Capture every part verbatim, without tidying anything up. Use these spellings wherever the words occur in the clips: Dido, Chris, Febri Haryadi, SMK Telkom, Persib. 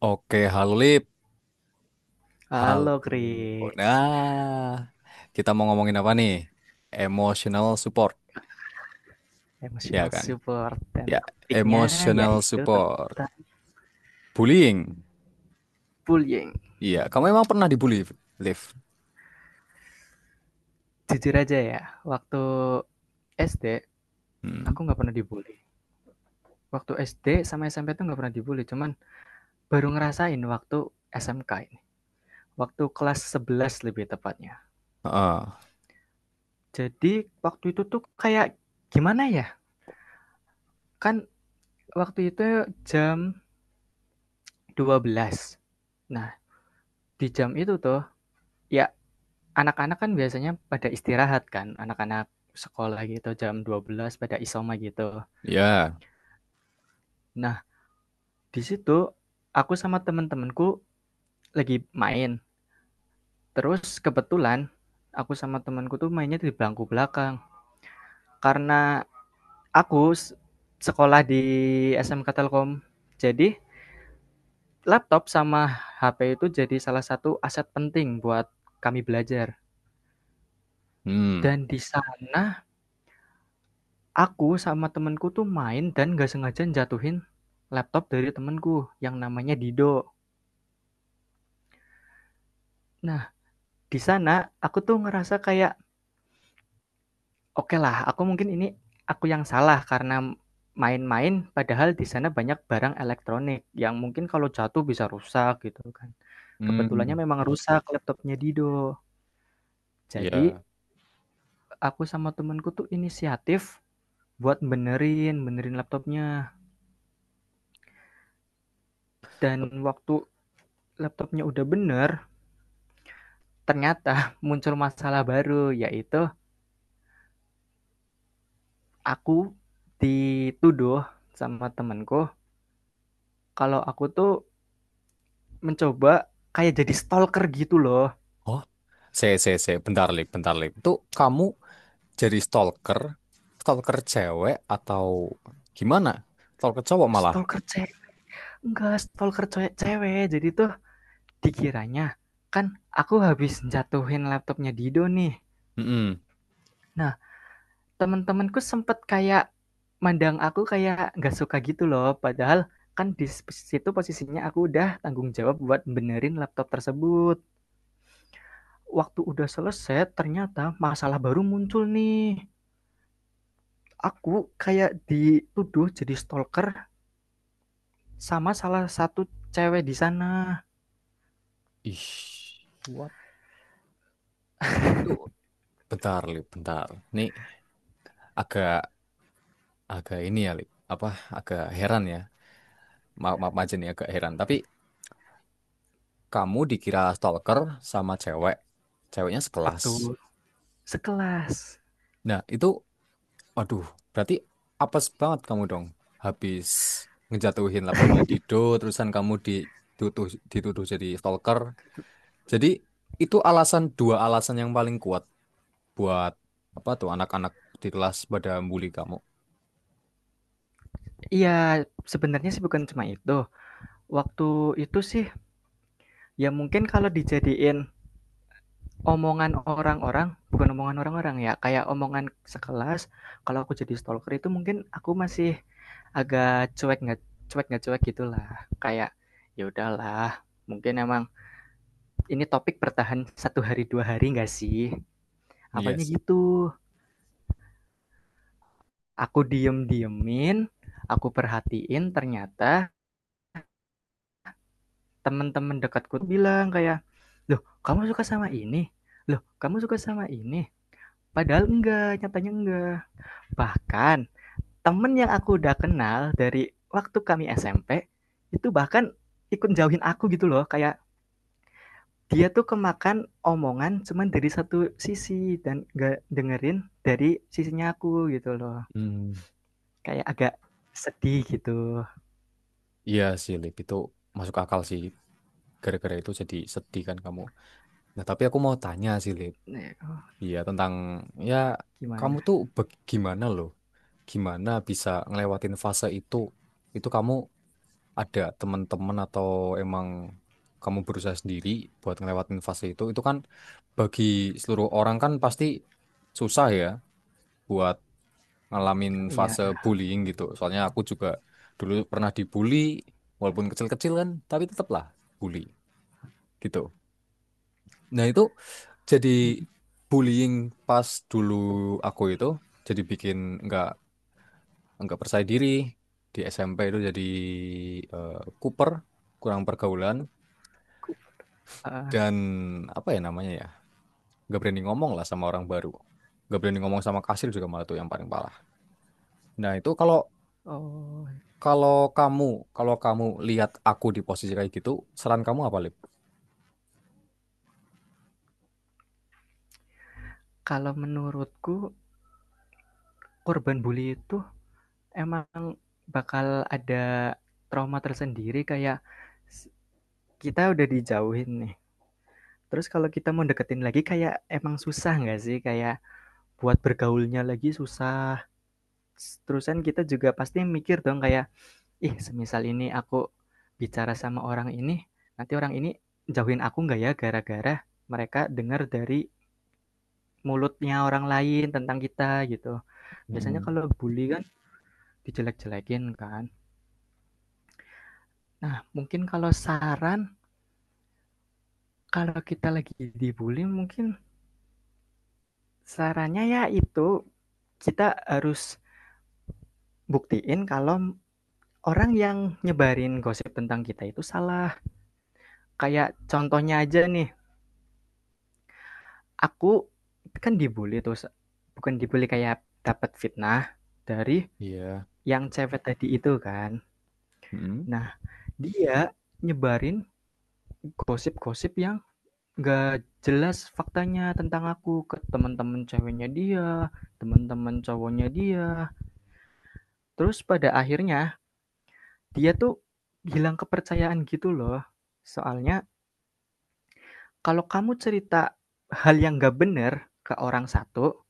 Oke, halo Lip. Halo. Halo Chris, Nah, kita mau ngomongin apa nih? Emotional support, ya emotional kan? support dan Ya, topiknya emotional yaitu support. tentang Bullying. bullying. Iya, kamu emang pernah dibully, Liv? Jujur aja ya, waktu S D aku Hmm. nggak pernah dibully. Waktu S D sama S M P tuh nggak pernah dibully, cuman baru ngerasain waktu S M K ini. Waktu kelas sebelas lebih tepatnya. Ah, Jadi waktu itu tuh kayak gimana ya? Kan waktu itu jam dua belas. Nah, di jam itu tuh, ya, anak-anak kan biasanya pada istirahat kan, anak-anak sekolah gitu jam dua belas pada isoma gitu. ya. Nah, di situ aku sama temen-temenku lagi main, terus kebetulan aku sama temenku tuh mainnya di bangku belakang. Karena aku sekolah di S M K Telkom, jadi laptop sama H P itu jadi salah satu aset penting buat kami belajar. Hmm. Dan di sana aku sama temenku tuh main dan nggak sengaja jatuhin laptop dari temenku yang namanya Dido. Nah, di sana aku tuh ngerasa kayak, oke lah, aku mungkin ini aku yang salah karena main-main, padahal di sana banyak barang elektronik yang mungkin kalau jatuh bisa rusak gitu kan. Kebetulannya Hmm. memang rusak laptopnya Dido. Jadi, Ya. aku sama temanku tuh inisiatif buat benerin, benerin laptopnya. Dan waktu laptopnya udah bener, ternyata muncul masalah baru, yaitu aku dituduh sama temanku, kalau aku tuh mencoba kayak jadi stalker gitu loh. Oh, saya, saya, saya. Bentar, Lip, bentar, Lip. Itu kamu jadi stalker? Stalker cewek atau gimana? Stalker cowok malah. Stalker cewek, enggak, stalker cewek cewek. Jadi tuh dikiranya kan aku habis jatuhin laptopnya Dido nih, Hmm. nah teman-temanku sempet kayak mandang aku kayak nggak suka gitu loh, padahal kan di situ posisinya aku udah tanggung jawab buat benerin laptop tersebut. Waktu udah selesai ternyata masalah baru muncul nih. Aku kayak dituduh jadi stalker sama salah satu cewek di sana. Ih, what? Bentar, Lip, bentar. Nih agak agak ini ya, Lip. Apa agak heran ya. Maaf, maaf aja nih agak heran. Tapi kamu dikira stalker sama cewek. Ceweknya sekelas. Betul, sekelas. Nah, itu waduh, berarti apes banget kamu dong. Habis ngejatuhin laptopnya Dido, terusan kamu dituduh dituduh jadi stalker. Jadi itu alasan dua alasan yang paling kuat buat apa tuh anak-anak di kelas pada bully kamu. Iya, sebenarnya sih bukan cuma itu. Waktu itu sih, ya mungkin kalau dijadiin omongan orang-orang, bukan omongan orang-orang ya, kayak omongan sekelas, kalau aku jadi stalker itu mungkin aku masih agak cuek, nggak cuek nggak cuek gitulah. Kayak ya udahlah, mungkin emang ini topik bertahan satu hari dua hari nggak sih? Iya Awalnya sih. gitu. Aku diem-diemin, aku perhatiin ternyata teman-teman dekatku bilang kayak, loh kamu suka sama ini? Loh kamu suka sama ini? Padahal enggak, nyatanya enggak. Bahkan temen yang aku udah kenal dari waktu kami S M P itu bahkan ikut jauhin aku gitu loh, kayak dia tuh kemakan omongan cuman dari satu sisi dan gak dengerin dari sisinya aku gitu loh. Hmm. Kayak agak sedih gitu. Iya sih, Lip. Itu masuk akal sih. Gara-gara itu jadi sedih kan kamu. Nah, tapi aku mau tanya sih, Lip. Nah, Iya, tentang... Ya, kamu gimana? tuh bagaimana loh? Gimana bisa ngelewatin fase itu? Itu kamu ada teman-teman atau emang kamu berusaha sendiri buat ngelewatin fase itu? Itu kan bagi seluruh orang kan pasti susah ya buat ngalamin Ya, fase bullying gitu. Soalnya aku juga dulu pernah dibully, walaupun kecil-kecil kan, tapi tetaplah bully. Gitu. Nah itu jadi bullying pas dulu aku itu jadi bikin nggak nggak percaya diri di S M P itu jadi Cooper kuper kurang pergaulan aku, heeh. dan apa ya namanya ya nggak berani ngomong lah sama orang baru nggak berani ngomong sama kasir juga malah tuh yang paling parah. Nah itu kalau Oh, kalau kamu kalau kamu lihat aku di posisi kayak gitu saran kamu apa Lip? kalau menurutku korban bully itu emang bakal ada trauma tersendiri. Kayak kita udah dijauhin nih, terus kalau kita mau deketin lagi kayak emang susah nggak sih? Kayak buat bergaulnya lagi susah, s terusan kita juga pasti mikir dong kayak, ih semisal ini aku bicara sama orang ini, nanti orang ini jauhin aku nggak ya, gara-gara mereka dengar dari mulutnya orang lain tentang kita gitu. Biasanya Mm-mm. kalau bully kan dijelek-jelekin kan. Nah, mungkin kalau saran, kalau kita lagi dibully mungkin sarannya ya itu, kita harus buktiin kalau orang yang nyebarin gosip tentang kita itu salah. Kayak contohnya aja nih, aku kan dibully, terus bukan dibully kayak dapat fitnah dari Iya, yang cewek tadi itu kan. mm. Nah, dia nyebarin gosip-gosip yang gak jelas faktanya tentang aku ke teman-teman ceweknya dia, teman-teman cowoknya dia. Terus pada akhirnya dia tuh hilang kepercayaan gitu loh. Soalnya kalau kamu cerita hal yang gak bener ke orang satu,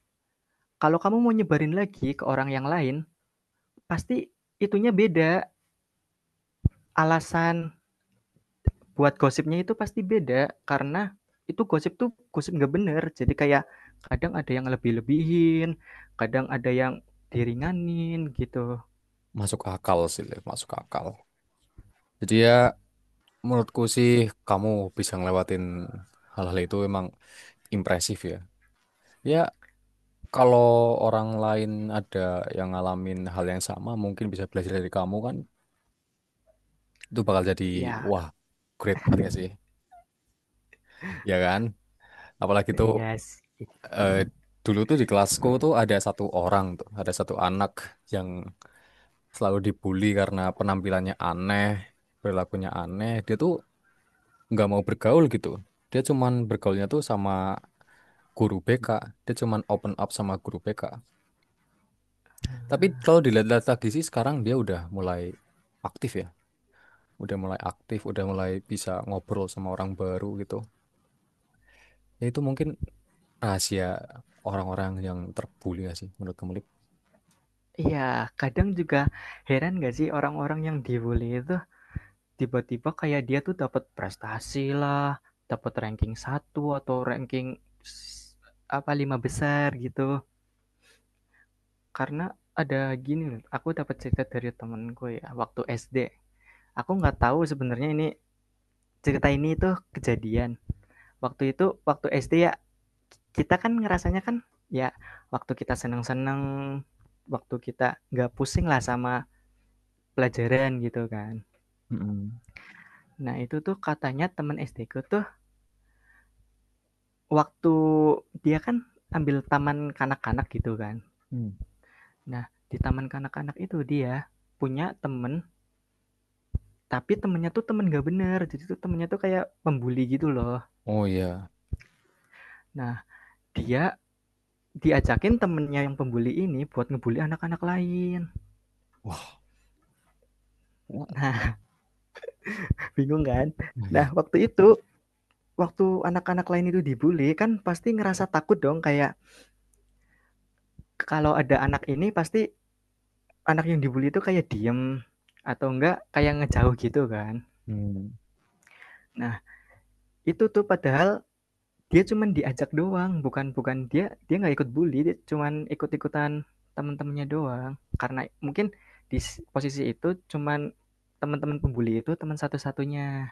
kalau kamu mau nyebarin lagi ke orang yang lain, pasti itunya beda, alasan buat gosipnya itu pasti beda, karena itu gosip tuh gosip nggak bener. Jadi kayak kadang ada yang lebih-lebihin, kadang ada yang diringanin gitu. Masuk akal sih, Lip. Masuk akal. Jadi ya, menurutku sih kamu bisa ngelewatin hal-hal itu emang impresif ya. Ya kalau orang lain ada yang ngalamin hal yang sama mungkin bisa belajar dari kamu kan itu bakal jadi Ya, wah great banget gak sih? Ya kan? Apalagi tuh iya sih. eh, dulu tuh di kelasku tuh ada satu orang tuh ada satu anak yang selalu dibully karena penampilannya aneh, perilakunya aneh. Dia tuh nggak mau bergaul gitu. Dia cuman bergaulnya tuh sama guru B K, dia cuman open up sama guru B K, tapi kalau dilihat-lihat lagi sih sekarang dia udah mulai aktif ya, udah mulai aktif, udah mulai bisa ngobrol sama orang baru gitu, ya itu mungkin rahasia orang-orang yang terbuli gak sih menurut kamu Lip? Iya, kadang juga heran nggak sih orang-orang yang di itu tiba-tiba kayak dia tuh dapat prestasi lah, dapat ranking satu atau ranking s apa, lima besar gitu. Karena ada gini loh, aku dapat cerita dari temenku ya, waktu S D. Aku nggak tahu sebenarnya ini cerita ini tuh kejadian. Waktu itu, waktu S D ya, kita kan ngerasanya kan, ya waktu kita seneng-seneng, waktu kita nggak pusing lah sama pelajaran gitu kan. Mm-mm. Nah itu tuh katanya temen S D-ku tuh waktu dia kan ambil taman kanak-kanak gitu kan. Hmm. Nah di taman kanak-kanak itu dia punya temen. Tapi temennya tuh temen gak bener, jadi tuh temennya tuh kayak pembuli gitu loh. Oh iya. Nah, dia diajakin temennya yang pembuli ini buat ngebully anak-anak lain. Wah, what. Nah, bingung kan? Nah, Nah, ya. waktu itu, waktu anak-anak lain itu dibully, kan pasti ngerasa takut dong kayak kalau ada anak ini pasti anak yang dibully itu kayak diem atau enggak kayak ngejauh gitu kan. Hmm. Nah, itu tuh padahal dia cuman diajak doang, bukan bukan dia dia nggak ikut bully, dia cuman ikut-ikutan teman-temannya doang. Karena mungkin di posisi itu cuman teman-teman pembuli itu teman satu-satunya.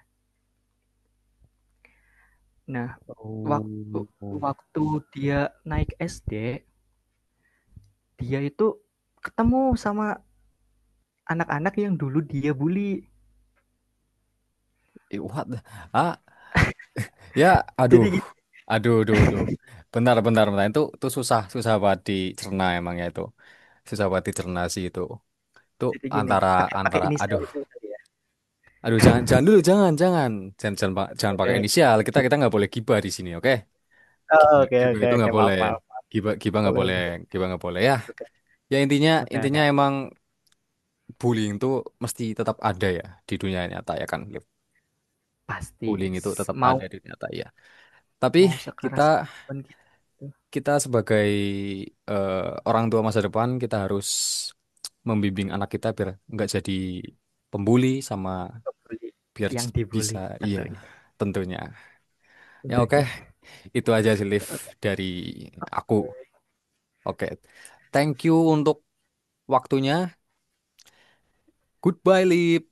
Nah, waktu Oh oh. waktu dia naik S D, dia itu ketemu sama anak-anak yang dulu dia bully. Eh, what the- ah, ya, Jadi aduh gini aduh aduh aduh, bentar bentar bentar, itu itu susah susah banget dicerna emang ya itu, susah banget dicerna sih itu. Itu jadi gini, antara pakai pakai antara inisial aduh itu tadi ya? aduh jangan jangan dulu jangan jangan jangan jangan, pa- jangan Oke pakai oke. inisial, kita kita nggak boleh gibah di sini oke. Oh, Gibah oke gibah itu oke, nggak maaf boleh, maaf. gibah gibah nggak Boleh. boleh, gibah nggak boleh ya. Oke Ya intinya oke. intinya emang bullying itu mesti tetap ada ya di dunia nyata ya kan Liv? Pasti, Bullying itu tetap mau ada di dunia nyata ya, tapi mau kita, sekeras apapun kita itu, kita sebagai eh, orang tua masa depan kita harus membimbing anak kita biar nggak jadi pembuli, sama ngebully biar yang bisa, dibully iya, tentunya, tentunya. Ya oke, tentunya. itu aja sih Liv dari aku. Oke. Thank you untuk waktunya. Goodbye, Liv.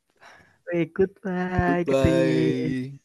Ikut, Pak Kak. Goodbye.